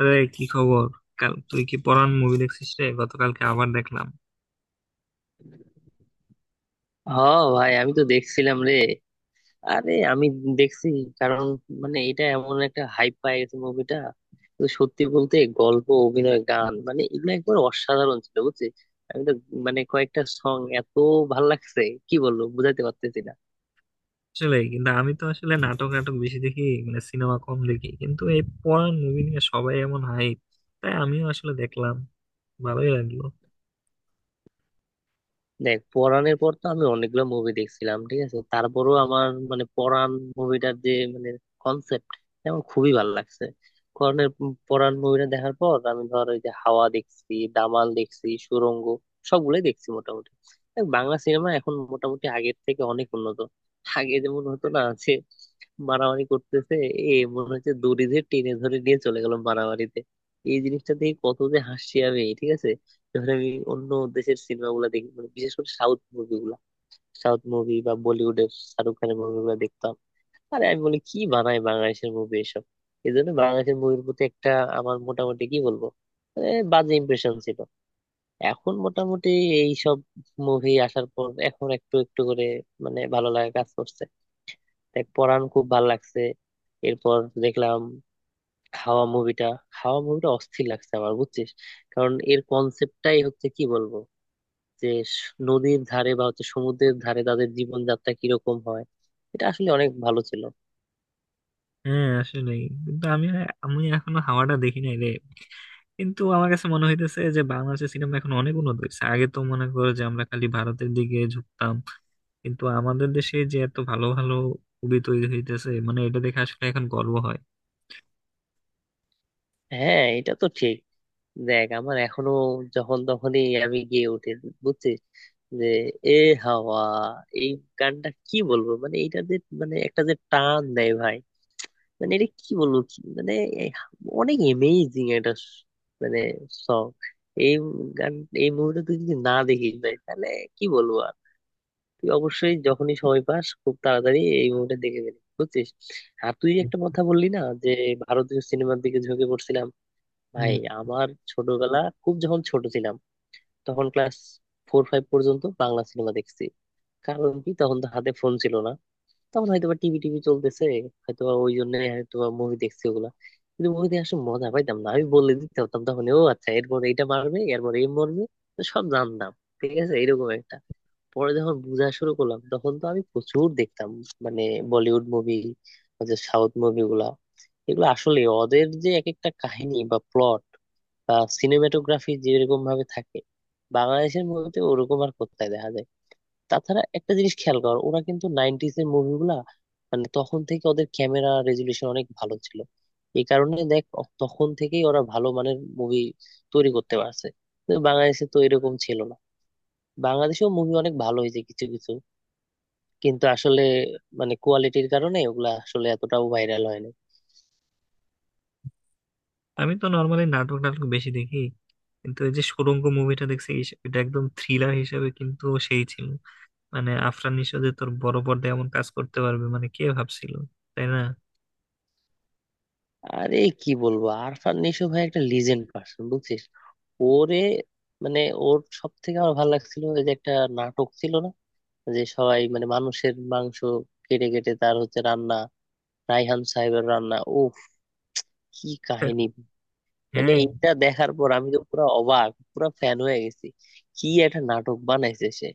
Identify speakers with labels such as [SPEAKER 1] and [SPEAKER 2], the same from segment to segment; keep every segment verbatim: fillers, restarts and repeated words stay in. [SPEAKER 1] আরে কি খবর! কাল তুই কি পরান মুভি দেখছিস রে? গতকালকে আবার দেখলাম।
[SPEAKER 2] হ, ভাই আমি তো দেখছিলাম রে। আরে আমি দেখছি কারণ মানে এটা এমন একটা হাইপ পায় গেছে মুভিটা। তো সত্যি বলতে গল্প, অভিনয়, গান মানে এগুলো একবার অসাধারণ ছিল বুঝছিস। আমি তো মানে কয়েকটা সং এত ভাল লাগছে, কি বলবো, বুঝাইতে পারতেছি না।
[SPEAKER 1] আসলে কিন্তু আমি তো আসলে নাটক নাটক বেশি দেখি, মানে সিনেমা কম দেখি, কিন্তু এই পরান মুভি নিয়ে সবাই এমন হাইপ, তাই আমিও আসলে দেখলাম। ভালোই লাগলো।
[SPEAKER 2] দেখ, পরাণের পর তো আমি অনেকগুলো মুভি দেখছিলাম, ঠিক আছে, তারপরও আমার মানে পরাণ মুভিটার যে মানে কনসেপ্ট আমার খুবই ভালো লাগছে। পরাণের, পরাণ মুভিটা দেখার পর আমি ধর ওই যে হাওয়া দেখছি, দামাল দেখছি, সুড়ঙ্গ সবগুলোই দেখছি মোটামুটি। দেখ, বাংলা সিনেমা এখন মোটামুটি আগের থেকে অনেক উন্নত। আগে যেমন হতো না যে মারামারি করতেছে, এ মনে হচ্ছে দড়ি দিয়ে টেনে ধরে নিয়ে চলে গেল মারামারিতে। এই জিনিসটা দেখে কত যে হাসি আমি, ঠিক আছে। ধরেন আমি অন্য দেশের সিনেমা গুলা দেখি মানে বিশেষ করে সাউথ মুভি গুলা, সাউথ মুভি বা বলিউডের শাহরুখ খানের মুভি গুলা দেখতাম। আরে আমি বলি কি বানায় বাংলাদেশের মুভি এসব! এই জন্য বাংলাদেশের মুভির প্রতি একটা আমার মোটামুটি কি বলবো, এ, বাজে ইমপ্রেশন ছিল। এখন মোটামুটি এই সব মুভি আসার পর এখন একটু একটু করে মানে ভালো লাগা কাজ করছে। দেখ, পরান খুব ভালো লাগছে। এরপর দেখলাম হাওয়া মুভিটা। হাওয়া মুভিটা অস্থির লাগছে আমার বুঝছিস। কারণ এর কনসেপ্টটাই হচ্ছে, কি বলবো, যে স- নদীর ধারে বা হচ্ছে সমুদ্রের ধারে তাদের জীবনযাত্রা কিরকম হয়, এটা আসলে অনেক ভালো ছিল।
[SPEAKER 1] হ্যাঁ, আসলে কিন্তু আমি আমি এখনো হাওয়াটা দেখি নাই রে, কিন্তু আমার কাছে মনে হইতেছে যে বাংলাদেশের সিনেমা এখন অনেক উন্নত হয়েছে। আগে তো মনে করো যে আমরা খালি ভারতের দিকে ঝুঁকতাম, কিন্তু আমাদের দেশে যে এত ভালো ভালো মুভি তৈরি হইতেছে, মানে এটা দেখে আসলে এখন গর্ব হয়।
[SPEAKER 2] হ্যাঁ, এটা তো ঠিক। দেখ আমার এখনো যখন তখনই আমি গিয়ে উঠি বুঝছিস, যে এ হাওয়া এই গানটা, কি বলবো, মানে এটা যে মানে একটা যে টান দেয় ভাই। মানে এটা কি বলবো, কি মানে, এই অনেক এমেজিং একটা স- মানে সং, এই গান। এই মুভিটা তুই যদি না দেখিস ভাই তাহলে কি বলবো, তুই অবশ্যই যখনই সময় পাস খুব তাড়াতাড়ি এই মুভিটা দেখে ফেলি বুঝছিস। আর তুই একটা কথা বললি না যে ভারতীয় সিনেমার দিকে ঝুঁকে পড়ছিলাম ভাই।
[SPEAKER 1] হুম।
[SPEAKER 2] আমার ছোটবেলা, খুব যখন ছোট ছিলাম তখন ক্লাস ফোর ফাইভ পর্যন্ত বাংলা সিনেমা দেখছি। কারণ কি তখন তো হাতে ফোন ছিল না। তখন হয়তো বা টিভি টিভি চলতেছে, হয়তো বা ওই জন্য হয়তো মুভি দেখছি ওগুলা। কিন্তু মুভিতে আসলে মজা পাইতাম না, আমি বলে দিতে হতাম তখন, ও আচ্ছা এরপর এইটা মারবে এরপর এই মরবে, তো সব জানতাম, ঠিক আছে, এরকম একটা। পরে যখন বোঝা শুরু করলাম তখন তো আমি প্রচুর দেখতাম মানে বলিউড মুভি, সাউথ মুভিগুলা। এগুলো আসলে ওদের যে এক একটা কাহিনী বা প্লট বা সিনেমাটোগ্রাফি যেরকম ভাবে থাকে, বাংলাদেশের মুভিতে ওরকম আর কোথায় দেখা যায়। তাছাড়া একটা জিনিস খেয়াল কর, ওরা কিন্তু নাইনটিস এর মুভিগুলা মানে তখন থেকে ওদের ক্যামেরা রেজুলেশন অনেক ভালো ছিল। এই কারণে দেখ, অ- তখন থেকেই ওরা ভালো মানের মুভি তৈরি করতে পারছে। কিন্তু বাংলাদেশে তো এরকম ছিল না। বাংলাদেশেও মুভি অনেক ভালো হয়েছে কিছু কিছু, কিন্তু আসলে মানে কোয়ালিটির কারণে ওগুলা আসলে এতটাও ভাইরাল হয় না।
[SPEAKER 1] আমি তো নর্মালি নাটক নাটক বেশি দেখি, কিন্তু এই যে সুড়ঙ্গ মুভিটা দেখছি, ইস- এটা একদম থ্রিলার হিসেবে কিন্তু সেই ছিল। মানে আফরান নিশো যে তোর বড় পর্দায় এমন কাজ করতে পারবে, মানে কে ভাবছিল? তাই না?
[SPEAKER 2] আরে কি বলবো, আরফান নিশো ভাই একটা লিজেন্ড পার্সন বুঝছিস। ওরে মানে ওর সব থেকে আমার ভালো লাগছিল ওই যে একটা নাটক ছিল না, যে সবাই মানে মানুষের মাংস কেটে কেটে তার হচ্ছে রান্না, রায়হান সাহেবের রান্না ও কি কাহিনী! মানে
[SPEAKER 1] হ্যাঁ।
[SPEAKER 2] এটা দেখার পর আমি তো পুরো অবাক, পুরো ফ্যান হয়ে গেছি। কি একটা নাটক বানাইছে সে!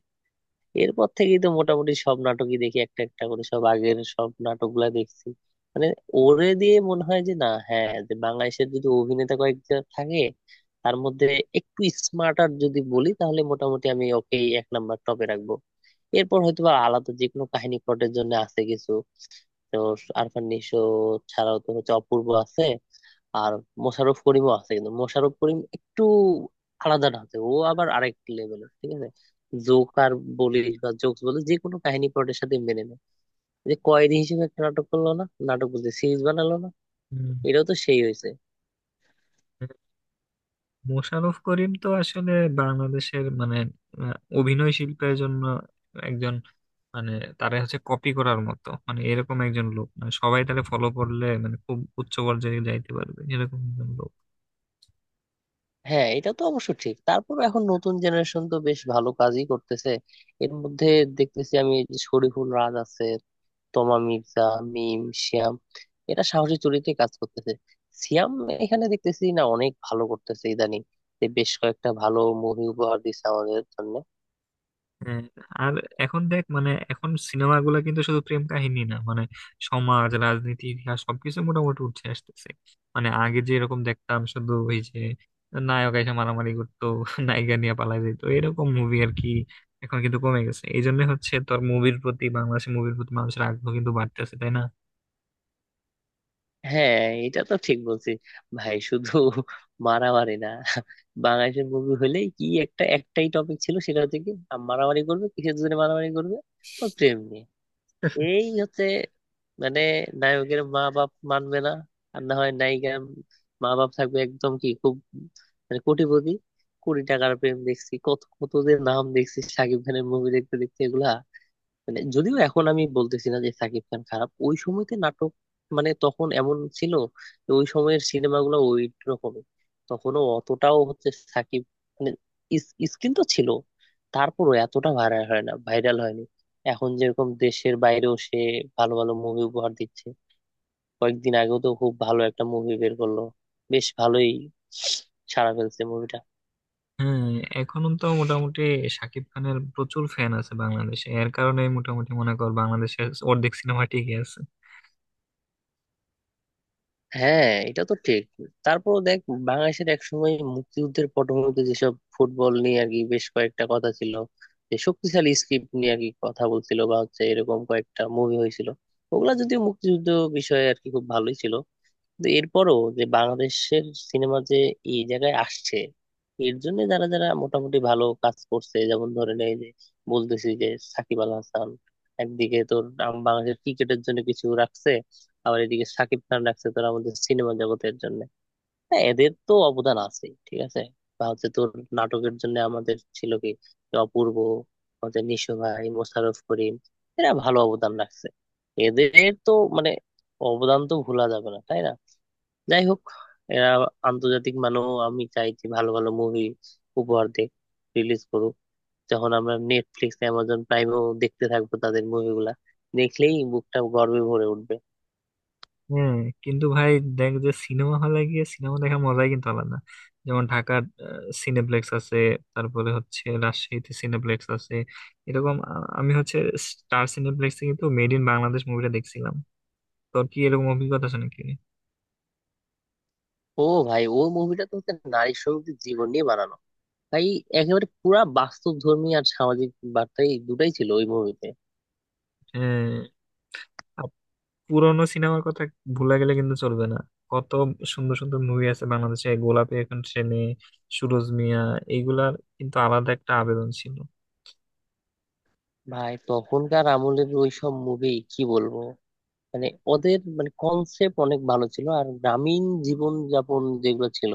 [SPEAKER 2] এরপর থেকেই তো মোটামুটি সব নাটকই দেখি, একটা একটা করে সব আগের সব নাটকগুলা দেখছি। মানে ওরে দিয়ে মনে হয় যে না, হ্যাঁ, যে বাংলাদেশের যদি অভিনেতা কয়েকজন থাকে তার মধ্যে একটু স্মার্টার যদি বলি তাহলে মোটামুটি আমি ওকে এক নাম্বার টপে রাখবো। এরপর হয়তো বা আলাদা যে কোনো কাহিনী প্লটের জন্য আছে কিছু। তো আরফান নিশো ছাড়াও তো হচ্ছে অপূর্ব আছে, আর মোশাররফ করিমও আছে। কিন্তু মোশাররফ করিম একটু আলাদা না, আছে ও আবার আরেক লেভেলের, ঠিক আছে। জোক আর বলিস বা জোকস বলিস, যে কোনো কাহিনী প্লটের সাথে মেনে নেয়। যে কয়েদি হিসেবে একটা নাটক করলো না, নাটক বলতে সিরিজ বানালো না,
[SPEAKER 1] হুম।
[SPEAKER 2] এটাও তো সেই হয়েছে।
[SPEAKER 1] মোশাররফ করিম তো আসলে বাংলাদেশের মানে আহ, অভিনয় শিল্পের জন্য একজন, মানে তারা হচ্ছে কপি করার মতো, মানে এরকম একজন লোক, মানে সবাই তারা ফলো করলে মানে খুব উচ্চ পর্যায়ে যাইতে পারবে, এরকম একজন লোক।
[SPEAKER 2] হ্যাঁ এটা তো অবশ্য ঠিক। তারপর এখন নতুন জেনারেশন তো বেশ ভালো কাজই করতেছে। এর মধ্যে দেখতেছি আমি এই যে শরীফুল রাজ আছে, তোমা মির্জা, মিম, শিয়াম, এরা সাহসী চরিত্রে কাজ করতেছে। সিয়াম এখানে দেখতেছি না অনেক ভালো করতেছে ইদানিং, যে বেশ কয়েকটা ভালো মুভি উপহার দিচ্ছে আমাদের জন্য।
[SPEAKER 1] হ্যাঁ, আর এখন দেখ, মানে এখন সিনেমাগুলো কিন্তু শুধু প্রেম কাহিনী না, মানে সমাজ, রাজনীতি, ইতিহাস সবকিছু মোটামুটি উঠে আসতেছে। মানে আগে যে এরকম দেখতাম, শুধু ওই যে নায়ক এসে মারামারি করতো নায়িকা নিয়ে পালাই যেত, এরকম মুভি আর কি। এখন কিন্তু কমে গেছে, এই জন্য হচ্ছে তোর মুভির প্রতি, বাংলাদেশি মুভির প্রতি মানুষের আগ্রহ কিন্তু বাড়তেছে, তাই না?
[SPEAKER 2] হ্যাঁ এটা তো ঠিক বলছি। ভাই শুধু মারামারি না, বাংলাদেশের মুভি হলেই কি একটা একটাই টপিক ছিল সেটা হচ্ছে কি, আম- মারামারি করবে। কিসের জন্য মারামারি করবে? ও প্রেম নিয়ে। এই হচ্ছে মানে নায়কের মা বাপ মানবে না, আর না হয় নায়িকার মা বাপ থাকবে একদম কি, খুব মানে কোটিপতি। কোটি টাকার প্রেম দেখছি কত কত, যে নাম দেখছি সাকিব খানের মুভি দেখতে দেখতে এগুলা। মানে যদিও এখন আমি বলতেছি না যে সাকিব খান খারাপ, ওই সময়তে নাটক মানে তখন এমন ছিল যে ওই সময়ের সিনেমাগুলো ওই রকমই। তখনও অতটাও হচ্ছে সাকিব মানে স্কিল তো ছিল, তারপরও এতটা ভাইরাল হয় না, ভাইরাল হয়নি। এখন যেরকম দেশের বাইরেও সে ভালো ভালো মুভি উপহার দিচ্ছে। কয়েকদিন আগেও তো খুব ভালো একটা মুভি বের করলো, বেশ ভালোই সাড়া ফেলছে মুভিটা।
[SPEAKER 1] হ্যাঁ। এখন তো মোটামুটি শাকিব খানের প্রচুর ফ্যান আছে বাংলাদেশে, এর কারণে মোটামুটি মনে কর বাংলাদেশের অর্ধেক সিনেমা টিকে আছে।
[SPEAKER 2] হ্যাঁ এটা তো ঠিক। তারপর দেখ, বাংলাদেশের একসময় মুক্তিযুদ্ধের পটভূমিতে যেসব ফুটবল নিয়ে আর কি বেশ কয়েকটা কথা ছিল, যে শক্তিশালী স্ক্রিপ্ট নিয়ে আর কি কথা বলছিল বা হচ্ছে এরকম কয়েকটা মুভি হয়েছিল। ওগুলা যদিও মুক্তিযুদ্ধ বিষয়ে আর কি খুব ভালোই ছিল। কিন্তু এরপরও যে বাংলাদেশের সিনেমা যে এই জায়গায় আসছে, এর জন্য যারা যারা মোটামুটি ভালো কাজ করছে, যেমন ধরে নেই যে বলতেছি যে সাকিব আল হাসান একদিকে তোর আম- বাংলাদেশের ক্রিকেটের জন্য কিছু রাখছে, আবার এদিকে সাকিব খান রাখছে তোর আমাদের সিনেমা জগতের জন্য। হ্যাঁ, এদের তো অবদান আছে, ঠিক আছে। বা হচ্ছে তোর নাটকের জন্য আমাদের ছিল কি, যে অপূর্ব, আমাদের নিশো ভাই, মোশাররফ করিম, এরা ভালো অবদান রাখছে। এদের তো মানে অবদান তো ভোলা যাবে না, তাই না। যাই হোক, এরা আন্তর্জাতিক মানও আমি চাই যে ভালো ভালো মুভি উপহার দেয়, রিলিজ করুক। যখন আমরা নেটফ্লিক্স, অ্যামাজন প্রাইমেও দেখতে থাকবো তাদের মুভিগুলা দেখলেই বুকটা গর্বে ভরে উঠবে।
[SPEAKER 1] হ্যাঁ। কিন্তু ভাই দেখ, যে সিনেমা হলে গিয়ে সিনেমা দেখার মজাই কিন্তু আলাদা। যেমন ঢাকার আহ, সিনেপ্লেক্স আছে, তারপরে হচ্ছে রাজশাহীতে সিনেপ্লেক্স আছে। এরকম আহ, আমি হচ্ছে স্টার সিনেপ্লেক্সে কিন্তু মেড ইন বাংলাদেশ মুভিটা দেখছিলাম। তোর কি এরকম অভিজ্ঞতা আছে নাকি?
[SPEAKER 2] ও ভাই, ও মুভিটা তো হচ্ছে নারী শ্রমিকদের জীবন নিয়ে বানানো ভাই। একেবারে পুরা বাস্তব ধর্মী আর সামাজিক বার্তাই, দুটাই ছিল ওই মুভিতে।
[SPEAKER 1] হ্যাঁ, আর পুরোনো সিনেমার কথা ভুলে গেলে কিন্তু চলবে না। কত সুন্দর সুন্দর মুভি আছে বাংলাদেশে— গোলাপী এখন ট্রেনে, সুরজ মিয়া, এইগুলার কিন্তু আলাদা একটা আবেদন ছিল।
[SPEAKER 2] ভাই তখনকার আমলের ওই সব মুভি কি বলবো, মানে ওদের মানে কনসেপ্ট অনেক ভালো ছিল আর গ্রামীণ জীবন যাপন যেগুলো ছিল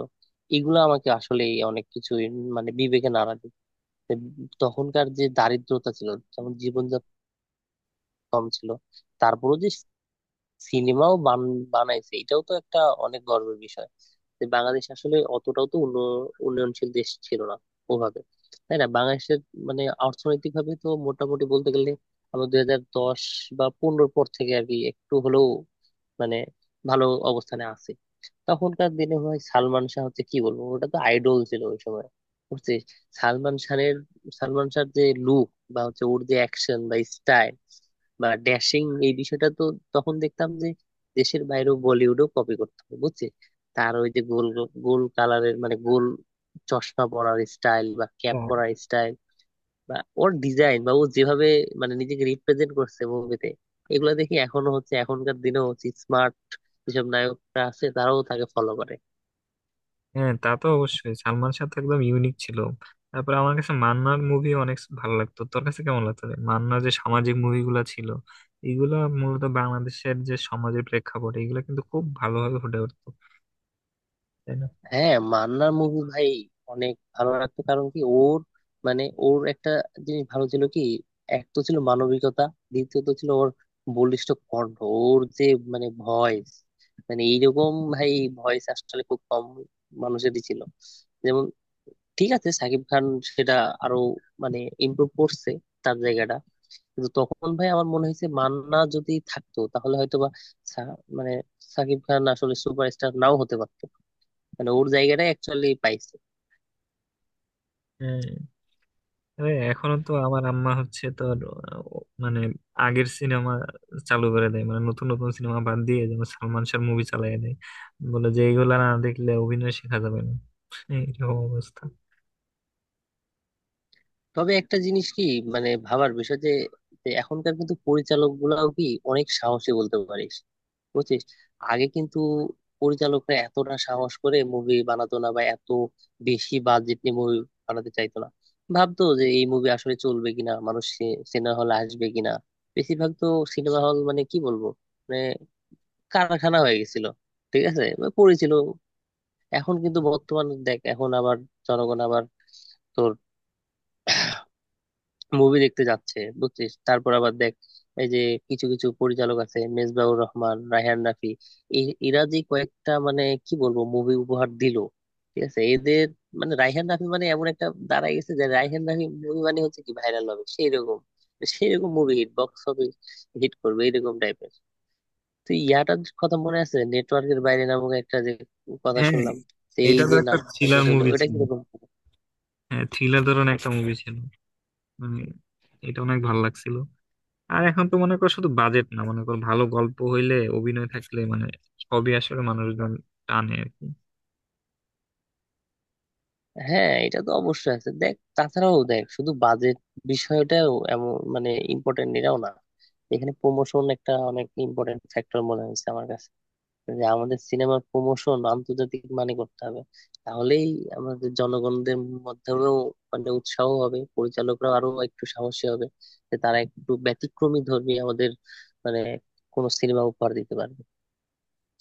[SPEAKER 2] এগুলো আমাকে আসলে অনেক কিছু মানে বিবেকে নাড়া দিত। তখনকার যে দারিদ্রতা ছিল, যেমন জীবনযাপন কম ছিল, তারপরেও যে সিনেমাও বান বানাইছে, এটাও তো একটা অনেক গর্বের বিষয়। যে বাংলাদেশ আসলে অতটাও তো উন্ন- উন্নয়নশীল দেশ ছিল না ওভাবে, তাই না। বাংলাদেশের মানে অর্থনৈতিক ভাবে তো মোটামুটি বলতে গেলে আমরা দুই হাজার দশ বা পনেরোর পর থেকে আর কি একটু হলেও মানে ভালো অবস্থানে আছে। তখনকার দিনে ভাই সালমান শাহ হচ্ছে কি বলবো, ওটা তো আইডল ছিল ওই সময় বুঝছিস। সালমান শাহের, সালমান শাহর যে লুক বা হচ্ছে ওর যে অ্যাকশন বা স্টাইল বা ড্যাশিং এই বিষয়টা তো, তখন দেখতাম যে দেশের বাইরেও বলিউডও কপি করতো বুঝছিস। তার ওই যে গোল, গোল কালারের মানে গোল চশমা পরার স্টাইল বা ক্যাপ পরার স্টাইল বা ওর ডিজাইন বা ও যেভাবে মানে নিজেকে রিপ্রেজেন্ট করছে মুভিতে, এগুলো দেখি এখনো হচ্ছে এখনকার দিনেও হচ্ছে স্মার্ট যেসব নায়করা আছে তারাও তাকে ফলো করে।
[SPEAKER 1] হ্যাঁ, তা তো অবশ্যই, সালমান শাহ তো একদম ইউনিক ছিল। তারপরে আমার কাছে মান্নার মুভি অনেক ভালো লাগতো, তোর কাছে কেমন লাগতো রে? মান্নার যে সামাজিক মুভিগুলো ছিল, এগুলা মূলত বাংলাদেশের যে সমাজের প্রেক্ষাপট, এগুলো কিন্তু খুব ভালোভাবে ফুটে উঠতো, তাই না?
[SPEAKER 2] হ্যাঁ মান্নার মুভি ভাই অনেক ভালো লাগতো, কারণ কি ওর মানে ওর একটা জিনিস ভালো ছিল কি, এক তো ছিল মানবিকতা, দ্বিতীয়ত ছিল ওর বলিষ্ঠ কণ্ঠ, ওর যে মানে ভয়েস মানে এইরকম ভাই ভয়েস আসলে খুব কম মানুষেরই ছিল। যেমন ঠিক আছে সাকিব খান সেটা আরো মানে ইমপ্রুভ করছে তার জায়গাটা, কিন্তু তখন ভাই আমার মনে হয়েছে মান্না যদি থাকতো তাহলে হয়তোবা সা- মানে সাকিব খান আসলে সুপারস্টার নাও হতে পারতো, মানে ওর জায়গাটাই অ্যাকচুয়ালি পাইছে।
[SPEAKER 1] হ্যাঁ। তবে এখনো তো আমার আম্মা হচ্ছে তোর আহ, মানে আগের সিনেমা চালু করে দেয়, মানে নতুন নতুন সিনেমা বাদ দিয়ে যেমন সালমান শাহর মুভি চালিয়ে দেয়, বলে যে এইগুলা না দেখলে অভিনয় শেখা যাবে না। হ্যাঁ, এরকম অবস্থা।
[SPEAKER 2] তবে একটা জিনিস কি, মানে ভাবার বিষয় যে, যে এখনকার কিন্তু পরিচালক গুলাও কি অনেক সাহসী বলতে পারিস বুঝছিস। আগে কিন্তু পরিচালকরা এতটা সাহস করে মুভি বানাতো না বা এত বেশি বাজেট নিয়ে মুভি বানাতে চাইতো না। ভাবতো যে এই মুভি আসলে চলবে কিনা, মানুষ সিনেমা হল আসবে কিনা। বেশিরভাগ তো সিনেমা হল মানে কি বলবো মানে কারখানা হয়ে গেছিল, ঠিক আছে, মানে পড়েছিল। এখন কিন্তু বর্তমান দেখ, এখন আবার জনগণ আবার তোর মুভি দেখতে যাচ্ছে বুঝছিস। তারপর আবার দেখ এই যে কিছু কিছু পরিচালক আছে মেজবাহুর রহমান, রায়হান রাফি, এ- এরা যে কয়েকটা মানে কি বলবো মুভি উপহার দিল, ঠিক আছে। এদের মানে রায়হান রাফি মানে এমন একটা দাঁড়ায় গেছে যে রায়হান রাফি মুভি মানে হচ্ছে কি, ভাইরাল হবে সেই রকম, সেই রকম মুভি হিট বক্স হবে, হিট করবে এরকম টাইপের। তো ইয়াটার কথা মনে আছে, নেটওয়ার্কের বাইরে নামক একটা যে কথা
[SPEAKER 1] হ্যাঁ,
[SPEAKER 2] শুনলাম, তো এই
[SPEAKER 1] এটা তো
[SPEAKER 2] যে
[SPEAKER 1] একটা
[SPEAKER 2] নাটকটা যে
[SPEAKER 1] থ্রিলার
[SPEAKER 2] হলো
[SPEAKER 1] মুভি
[SPEAKER 2] ওটা
[SPEAKER 1] ছিল।
[SPEAKER 2] কিরকম?
[SPEAKER 1] হ্যাঁ, থ্রিলার ধরনের একটা মুভি ছিল। মানে এটা অনেক ভালো লাগছিল। আর এখন তো মনে করো শুধু বাজেট না, মনে করো ভালো গল্প হইলে, অভিনয় থাকলে, মানে সবই আসলে মানুষজন টানে আর কি।
[SPEAKER 2] হ্যাঁ এটা তো অবশ্যই আছে। দেখ তাছাড়াও দেখ শুধু বাজেট বিষয়টাও এমন মানে ইম্পর্টেন্ট এটাও না। এখানে প্রমোশন একটা অনেক ইম্পর্টেন্ট ফ্যাক্টর মনে হয়েছে আমার কাছে, যে আমাদের সিনেমার প্রমোশন আন্তর্জাতিক মানে করতে হবে। তাহলেই আমাদের জনগণদের মধ্যেও মানে উৎসাহ হবে, পরিচালকরা আরো একটু সাহসী হবে, যে তারা একটু ব্যতিক্রমী ধর্মী আমাদের মানে কোনো সিনেমা উপহার দিতে পারবে।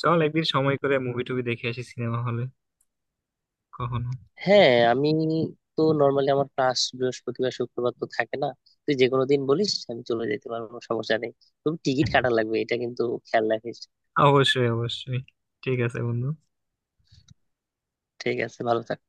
[SPEAKER 1] চল একদিন সময় করে মুভি টুভি দেখে আসি সিনেমা হলে কখনো।
[SPEAKER 2] হ্যাঁ আমি তো নর্মালি আমার ক্লাস বৃহস্পতিবার শুক্রবার তো থাকে না। তুই যে কোনো দিন বলিস, আমি চলে যেতে পারবো, কোনো সমস্যা নেই। তবে টিকিট কাটা লাগবে এটা কিন্তু খেয়াল রাখিস।
[SPEAKER 1] অবশ্যই, অবশ্যই। ঠিক আছে বন্ধু।
[SPEAKER 2] ঠিক আছে, ভালো থাক।